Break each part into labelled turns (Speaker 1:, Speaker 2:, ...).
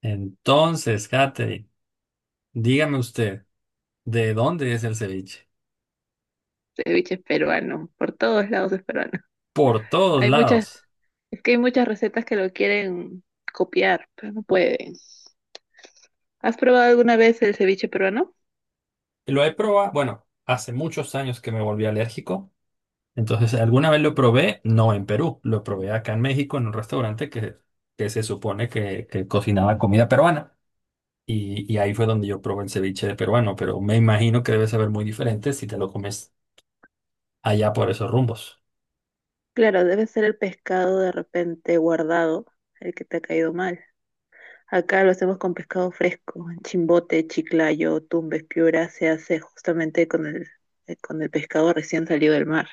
Speaker 1: Entonces, Katherine, dígame usted, ¿de dónde es el ceviche?
Speaker 2: Ceviche es peruano, por todos lados es peruano.
Speaker 1: Por todos
Speaker 2: Hay muchas,
Speaker 1: lados.
Speaker 2: es que hay muchas recetas que lo quieren copiar, pero no pueden. ¿Has probado alguna vez el ceviche peruano?
Speaker 1: Lo he probado, bueno, hace muchos años que me volví alérgico. Entonces, alguna vez lo probé, no en Perú, lo probé acá en México en un restaurante que se supone que cocinaba comida peruana. Y ahí fue donde yo probé el ceviche de peruano, pero me imagino que debe saber muy diferente si te lo comes allá por esos rumbos.
Speaker 2: Claro, debe ser el pescado de repente guardado, el que te ha caído mal. Acá lo hacemos con pescado fresco, en Chimbote, Chiclayo, Tumbes, Piura, se hace justamente con el pescado recién salido del mar.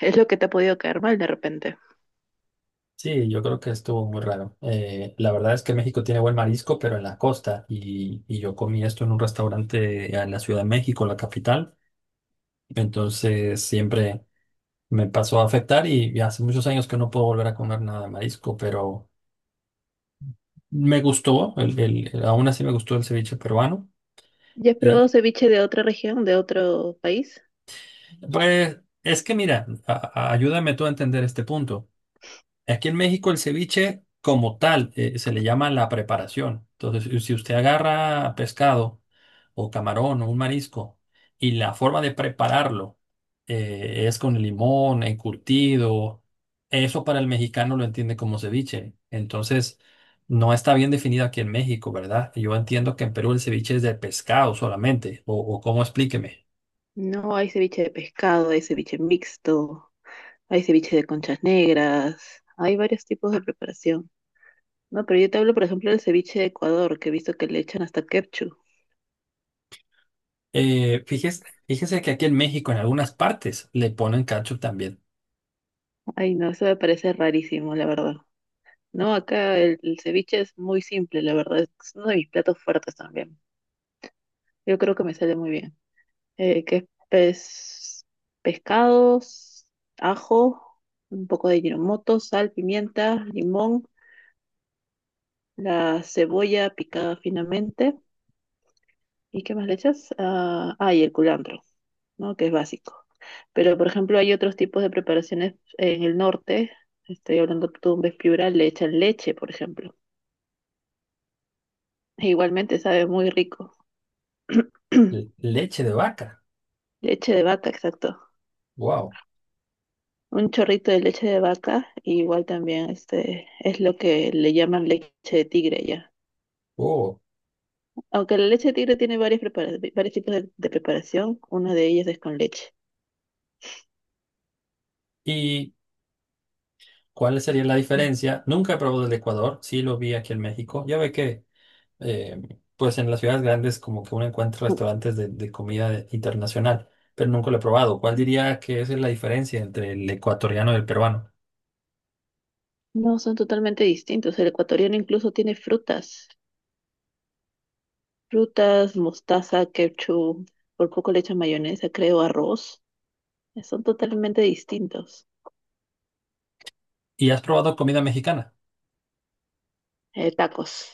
Speaker 2: Es lo que te ha podido caer mal de repente.
Speaker 1: Sí, yo creo que estuvo muy raro. La verdad es que México tiene buen marisco, pero en la costa. Y yo comí esto en un restaurante en la Ciudad de México, la capital. Entonces siempre me pasó a afectar y hace muchos años que no puedo volver a comer nada de marisco, pero me gustó, aún así me gustó el ceviche peruano.
Speaker 2: ¿Ya has probado
Speaker 1: Y
Speaker 2: ceviche de otra región, de otro país?
Speaker 1: pues es que mira, ayúdame tú a entender este punto. Aquí en México el ceviche como tal, se le llama la preparación. Entonces, si usted agarra pescado o camarón o un marisco y la forma de prepararlo, es con limón, encurtido, eso para el mexicano lo entiende como ceviche. Entonces, no está bien definido aquí en México, ¿verdad? Yo entiendo que en Perú el ceviche es de pescado solamente, o cómo explíqueme.
Speaker 2: No, hay ceviche de pescado, hay ceviche mixto, hay ceviche de conchas negras, hay varios tipos de preparación. No, pero yo te hablo, por ejemplo, del ceviche de Ecuador, que he visto que le echan hasta ketchup.
Speaker 1: Fíjese que aquí en México en algunas partes le ponen cacho también.
Speaker 2: Ay, no, eso me parece rarísimo, la verdad. No, acá el ceviche es muy simple, la verdad. Es uno de mis platos fuertes también. Yo creo que me sale muy bien. Que es pescados, ajo, un poco de giramoto, sal, pimienta, limón, la cebolla picada finamente. ¿Y qué más le echas? Ah, ah, y el culantro, ¿no? Que es básico. Pero, por ejemplo, hay otros tipos de preparaciones en el norte. Estoy hablando de Tumbes, Piura, le echan leche, por ejemplo. E igualmente sabe muy rico.
Speaker 1: Leche de vaca.
Speaker 2: Leche de vaca, exacto.
Speaker 1: Wow.
Speaker 2: Un chorrito de leche de vaca, y igual también este, es lo que le llaman leche de tigre ya.
Speaker 1: Oh.
Speaker 2: Aunque la leche de tigre tiene varias varios tipos de preparación, una de ellas es con leche.
Speaker 1: ¿Y cuál sería la diferencia? Nunca he probado el de Ecuador, sí lo vi aquí en México. Ya ve que, eh, pues en las ciudades grandes como que uno encuentra
Speaker 2: Ujú.
Speaker 1: restaurantes de comida internacional, pero nunca lo he probado. ¿Cuál diría que esa es la diferencia entre el ecuatoriano y el peruano?
Speaker 2: No, son totalmente distintos. El ecuatoriano incluso tiene frutas. Frutas, mostaza, ketchup, por poco le echan mayonesa, creo, arroz. Son totalmente distintos.
Speaker 1: ¿Y has probado comida mexicana?
Speaker 2: Tacos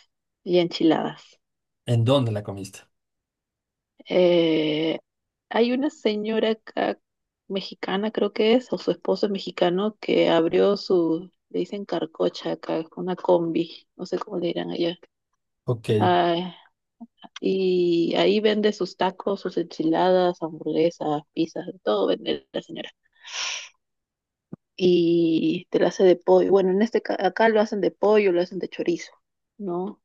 Speaker 2: y enchiladas.
Speaker 1: ¿En dónde la comiste?
Speaker 2: Eh, Hay una señora acá, mexicana, creo que es, o su esposo es mexicano, que abrió su, le dicen carcocha acá, una combi, no sé cómo le dirán allá.
Speaker 1: Ok.
Speaker 2: Ah, y ahí vende sus tacos, sus enchiladas, hamburguesas, pizzas, todo vende la señora. Y te la hace de pollo. Bueno, en este acá lo hacen de pollo, lo hacen de chorizo, ¿no?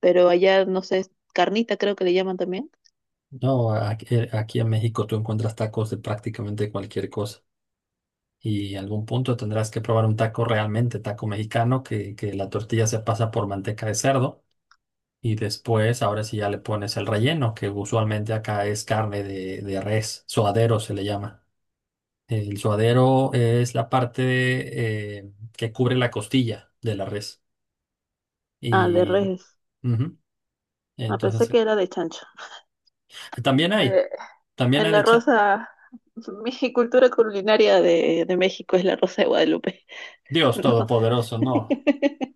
Speaker 2: Pero allá, no sé, es carnita creo que le llaman también.
Speaker 1: No, aquí en México tú encuentras tacos de prácticamente cualquier cosa. Y algún punto tendrás que probar un taco realmente, taco mexicano, que la tortilla se pasa por manteca de cerdo. Y después, ahora sí ya le pones el relleno, que usualmente acá es carne de res, suadero se le llama. El suadero es la parte, que cubre la costilla de la res.
Speaker 2: Ah, de
Speaker 1: Y
Speaker 2: res.
Speaker 1: ujú,
Speaker 2: Ah, pensé
Speaker 1: entonces,
Speaker 2: que era de chancho.
Speaker 1: eh, también hay,
Speaker 2: Eh,
Speaker 1: también
Speaker 2: en
Speaker 1: hay
Speaker 2: la
Speaker 1: de cha-.
Speaker 2: rosa, mi cultura culinaria de México es la rosa de Guadalupe,
Speaker 1: Dios
Speaker 2: ¿no?
Speaker 1: todopoderoso, no,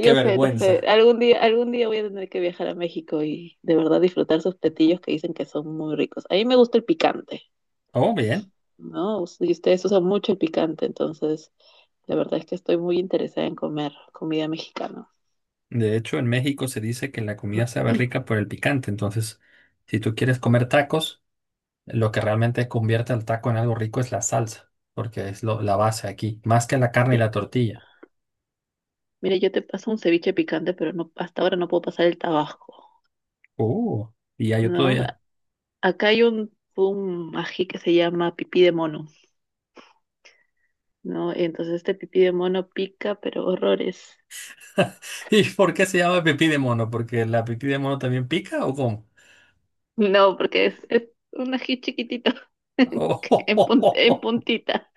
Speaker 1: qué
Speaker 2: sé, no sé.
Speaker 1: vergüenza.
Speaker 2: Algún día voy a tener que viajar a México y de verdad disfrutar sus platillos que dicen que son muy ricos. A mí me gusta el picante,
Speaker 1: Oh, bien.
Speaker 2: ¿no? Y ustedes usan mucho el picante, entonces la verdad es que estoy muy interesada en comer comida mexicana.
Speaker 1: De hecho, en México se dice que la comida sabe rica por el picante. Entonces, si tú quieres comer tacos, lo que realmente convierte al taco en algo rico es la salsa, porque es la base aquí, más que la carne y la tortilla.
Speaker 2: Mire, yo te paso un ceviche picante, pero no, hasta ahora no puedo pasar el tabasco,
Speaker 1: Uh, y ya yo
Speaker 2: ¿no?
Speaker 1: todavía.
Speaker 2: Acá hay un ají que se llama pipí de mono, ¿no? Entonces este pipí de mono pica, pero horrores.
Speaker 1: ¿Y por qué se llama pipí de mono? ¿Porque la pipí de mono también pica o cómo?
Speaker 2: No, porque es un ají chiquitito, en
Speaker 1: Oh.
Speaker 2: puntita.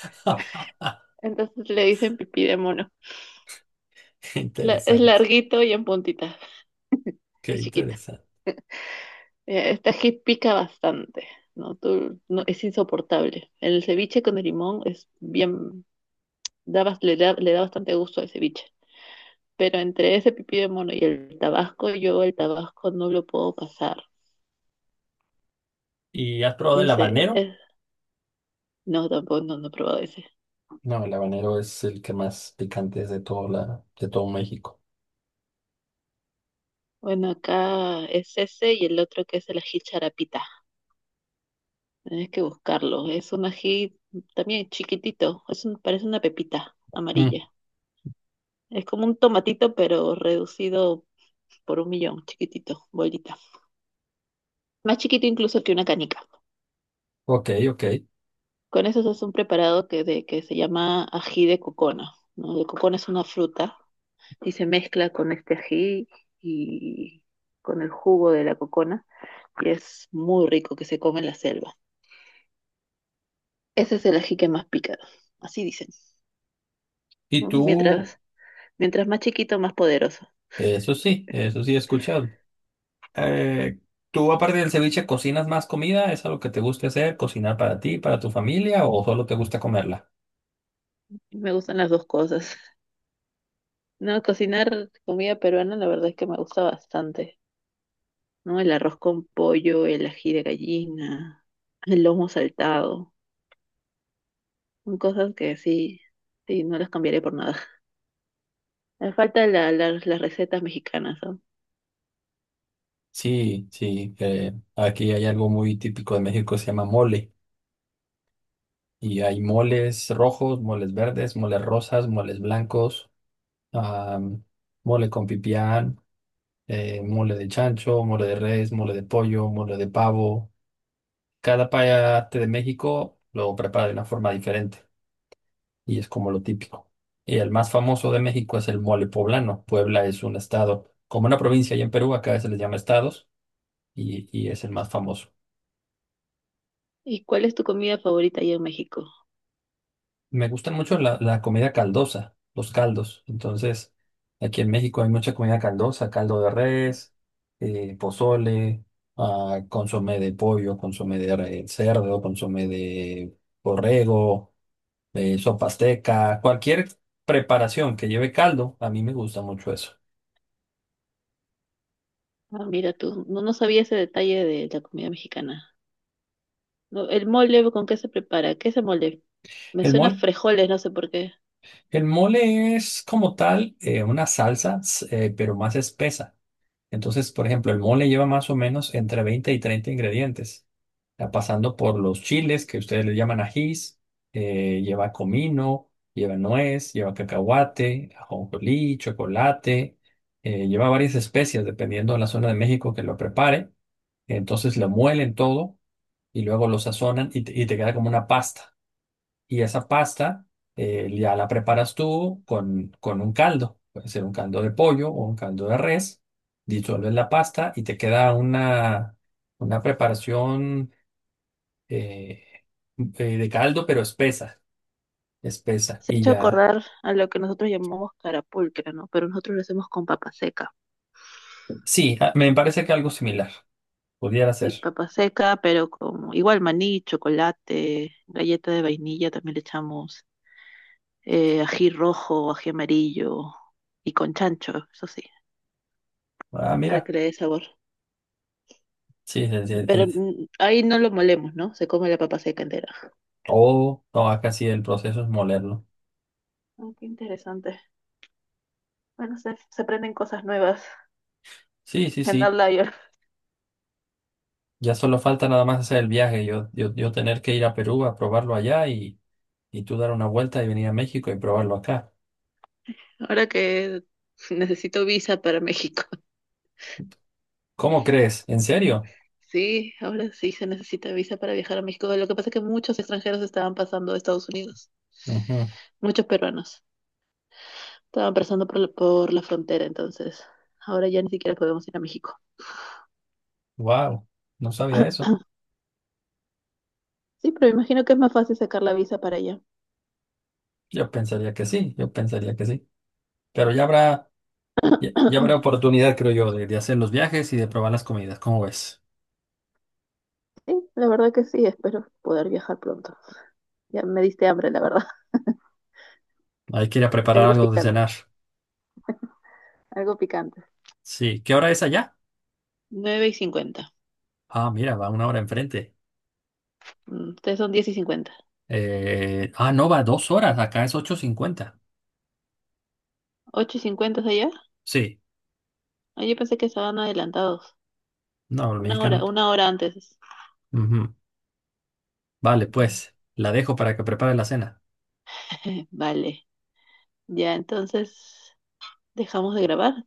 Speaker 2: Entonces le dicen pipí de mono.
Speaker 1: Qué
Speaker 2: Es
Speaker 1: interesante,
Speaker 2: larguito y en puntita,
Speaker 1: qué
Speaker 2: y chiquito.
Speaker 1: interesante.
Speaker 2: Mira, esta que pica bastante, ¿no? No, es insoportable. El ceviche con el limón es bien, da le da bastante gusto al ceviche. Pero entre ese pipí de mono y el tabasco, yo el tabasco no lo puedo pasar.
Speaker 1: ¿Y has probado
Speaker 2: No
Speaker 1: el
Speaker 2: sé,
Speaker 1: habanero?
Speaker 2: es- no, tampoco, no, no he probado ese.
Speaker 1: No, el habanero es el que más picante es de todo, de todo México.
Speaker 2: Bueno, acá es ese y el otro que es el ají charapita. Tienes que buscarlo. Es un ají también chiquitito, es un, parece una pepita amarilla. Es como un tomatito, pero reducido por un millón, chiquitito, bolita. Más chiquito incluso que una canica.
Speaker 1: Ok, ok.
Speaker 2: Con eso se hace un preparado que se llama ají de cocona. ¿No? El cocona es una fruta y se mezcla con este ají y con el jugo de la cocona y es muy rico que se come en la selva. Ese es el ají que más pica, así dicen.
Speaker 1: Y
Speaker 2: ¿No?
Speaker 1: tú,
Speaker 2: Mientras más chiquito, más poderoso.
Speaker 1: eso sí he escuchado. Eh, ¿Tú aparte del ceviche cocinas más comida? ¿Es algo que te gusta hacer? ¿Cocinar para ti, para tu familia o solo te gusta comerla?
Speaker 2: Me gustan las dos cosas. No, cocinar comida peruana la verdad es que me gusta bastante. ¿No? El arroz con pollo, el ají de gallina, el lomo saltado, son cosas que sí, sí, no las cambiaré por nada. Me faltan las recetas mexicanas, ¿no?
Speaker 1: Sí, sí, aquí hay algo muy típico de México que se llama mole. Y hay moles rojos, moles verdes, moles rosas, moles blancos, am, mole con pipián, mole de chancho, mole de res, mole de pollo, mole de pavo. Cada parte de México lo prepara de una forma diferente y es como lo típico. Y el más famoso de México es el mole poblano. Puebla es un estado, como una provincia allá en Perú, acá se les llama estados y es el más famoso.
Speaker 2: ¿Y cuál es tu comida favorita allá en México?
Speaker 1: Me gustan mucho la comida caldosa, los caldos. Entonces, aquí en México hay mucha comida caldosa, caldo de res, pozole, consomé de pollo, consomé de cerdo, consomé de borrego. Sopa azteca, cualquier preparación que lleve caldo, a mí me gusta mucho eso.
Speaker 2: Ah, mira tú, no, no sabía ese detalle de la comida mexicana. No, el mole, ¿con qué se prepara? ¿Qué es el mole? Me
Speaker 1: El
Speaker 2: suena a
Speaker 1: mole,
Speaker 2: frijoles, no sé por qué.
Speaker 1: el mole es como tal, una salsa, pero más espesa. Entonces, por ejemplo, el mole lleva más o menos entre 20 y 30 ingredientes. Ya pasando por los chiles, que ustedes le llaman ajís, lleva comino, lleva nuez, lleva cacahuate, ajonjolí, chocolate, lleva varias especias dependiendo de la zona de México que lo prepare. Entonces lo muelen todo y luego lo sazonan y te queda como una pasta. Y esa pasta, ya la preparas tú con un caldo. Puede ser un caldo de pollo o un caldo de res. Disuelves la pasta y te queda una preparación, eh, de caldo, pero espesa. Espesa.
Speaker 2: Se ha
Speaker 1: Y
Speaker 2: hecho
Speaker 1: ya.
Speaker 2: acordar a lo que nosotros llamamos carapulcra, ¿no? Pero nosotros lo hacemos con papa seca.
Speaker 1: Sí, ah, me parece que algo similar pudiera
Speaker 2: Y
Speaker 1: ser.
Speaker 2: papa seca, pero como igual maní, chocolate, galleta de vainilla, también le echamos ají rojo, ají amarillo y con chancho, eso sí,
Speaker 1: Ah,
Speaker 2: para
Speaker 1: mira.
Speaker 2: que le dé sabor.
Speaker 1: Sí, sí, sí,
Speaker 2: Pero
Speaker 1: sí.
Speaker 2: ahí no lo molemos, ¿no? Se come la papa seca entera.
Speaker 1: Todo, no, acá sí el proceso es molerlo.
Speaker 2: Ah, qué interesante. Bueno, se aprenden cosas nuevas
Speaker 1: Sí, sí,
Speaker 2: en
Speaker 1: sí.
Speaker 2: Outlier.
Speaker 1: Ya solo falta nada más hacer el viaje. Yo tener que ir a Perú a probarlo allá y. Y tú dar una vuelta y venir a México y probarlo acá.
Speaker 2: Ahora que necesito visa para México.
Speaker 1: ¿Cómo crees? ¿En serio?
Speaker 2: Sí, ahora sí se necesita visa para viajar a México. Lo que pasa es que muchos extranjeros estaban pasando a Estados Unidos, muchos peruanos. Estaban pasando por la frontera, entonces ahora ya ni siquiera podemos ir a México.
Speaker 1: Wow, no sabía eso.
Speaker 2: Sí, pero imagino que es más fácil sacar la visa para allá.
Speaker 1: Yo pensaría que sí, yo pensaría que sí. Pero ya habrá oportunidad, creo yo, de hacer los viajes y de probar las comidas. ¿Cómo ves?
Speaker 2: Sí, la verdad que sí, espero poder viajar pronto. Ya me diste hambre, la verdad.
Speaker 1: Hay que ir a preparar
Speaker 2: Algo
Speaker 1: algo de
Speaker 2: picante,
Speaker 1: cenar.
Speaker 2: algo picante.
Speaker 1: Sí, ¿qué hora es allá?
Speaker 2: 9:50.
Speaker 1: Ah, mira, va una hora enfrente.
Speaker 2: Ustedes son 10:50.
Speaker 1: Ah, no, va 2 horas. Acá es 8:50.
Speaker 2: ¿8:50 es allá?
Speaker 1: Sí,
Speaker 2: Ah, yo pensé que estaban adelantados.
Speaker 1: no, el mexicano.
Speaker 2: Una hora antes.
Speaker 1: Ujú. Vale,
Speaker 2: Mm,
Speaker 1: pues, la dejo para que prepare la cena.
Speaker 2: vale. Ya, entonces dejamos de grabar.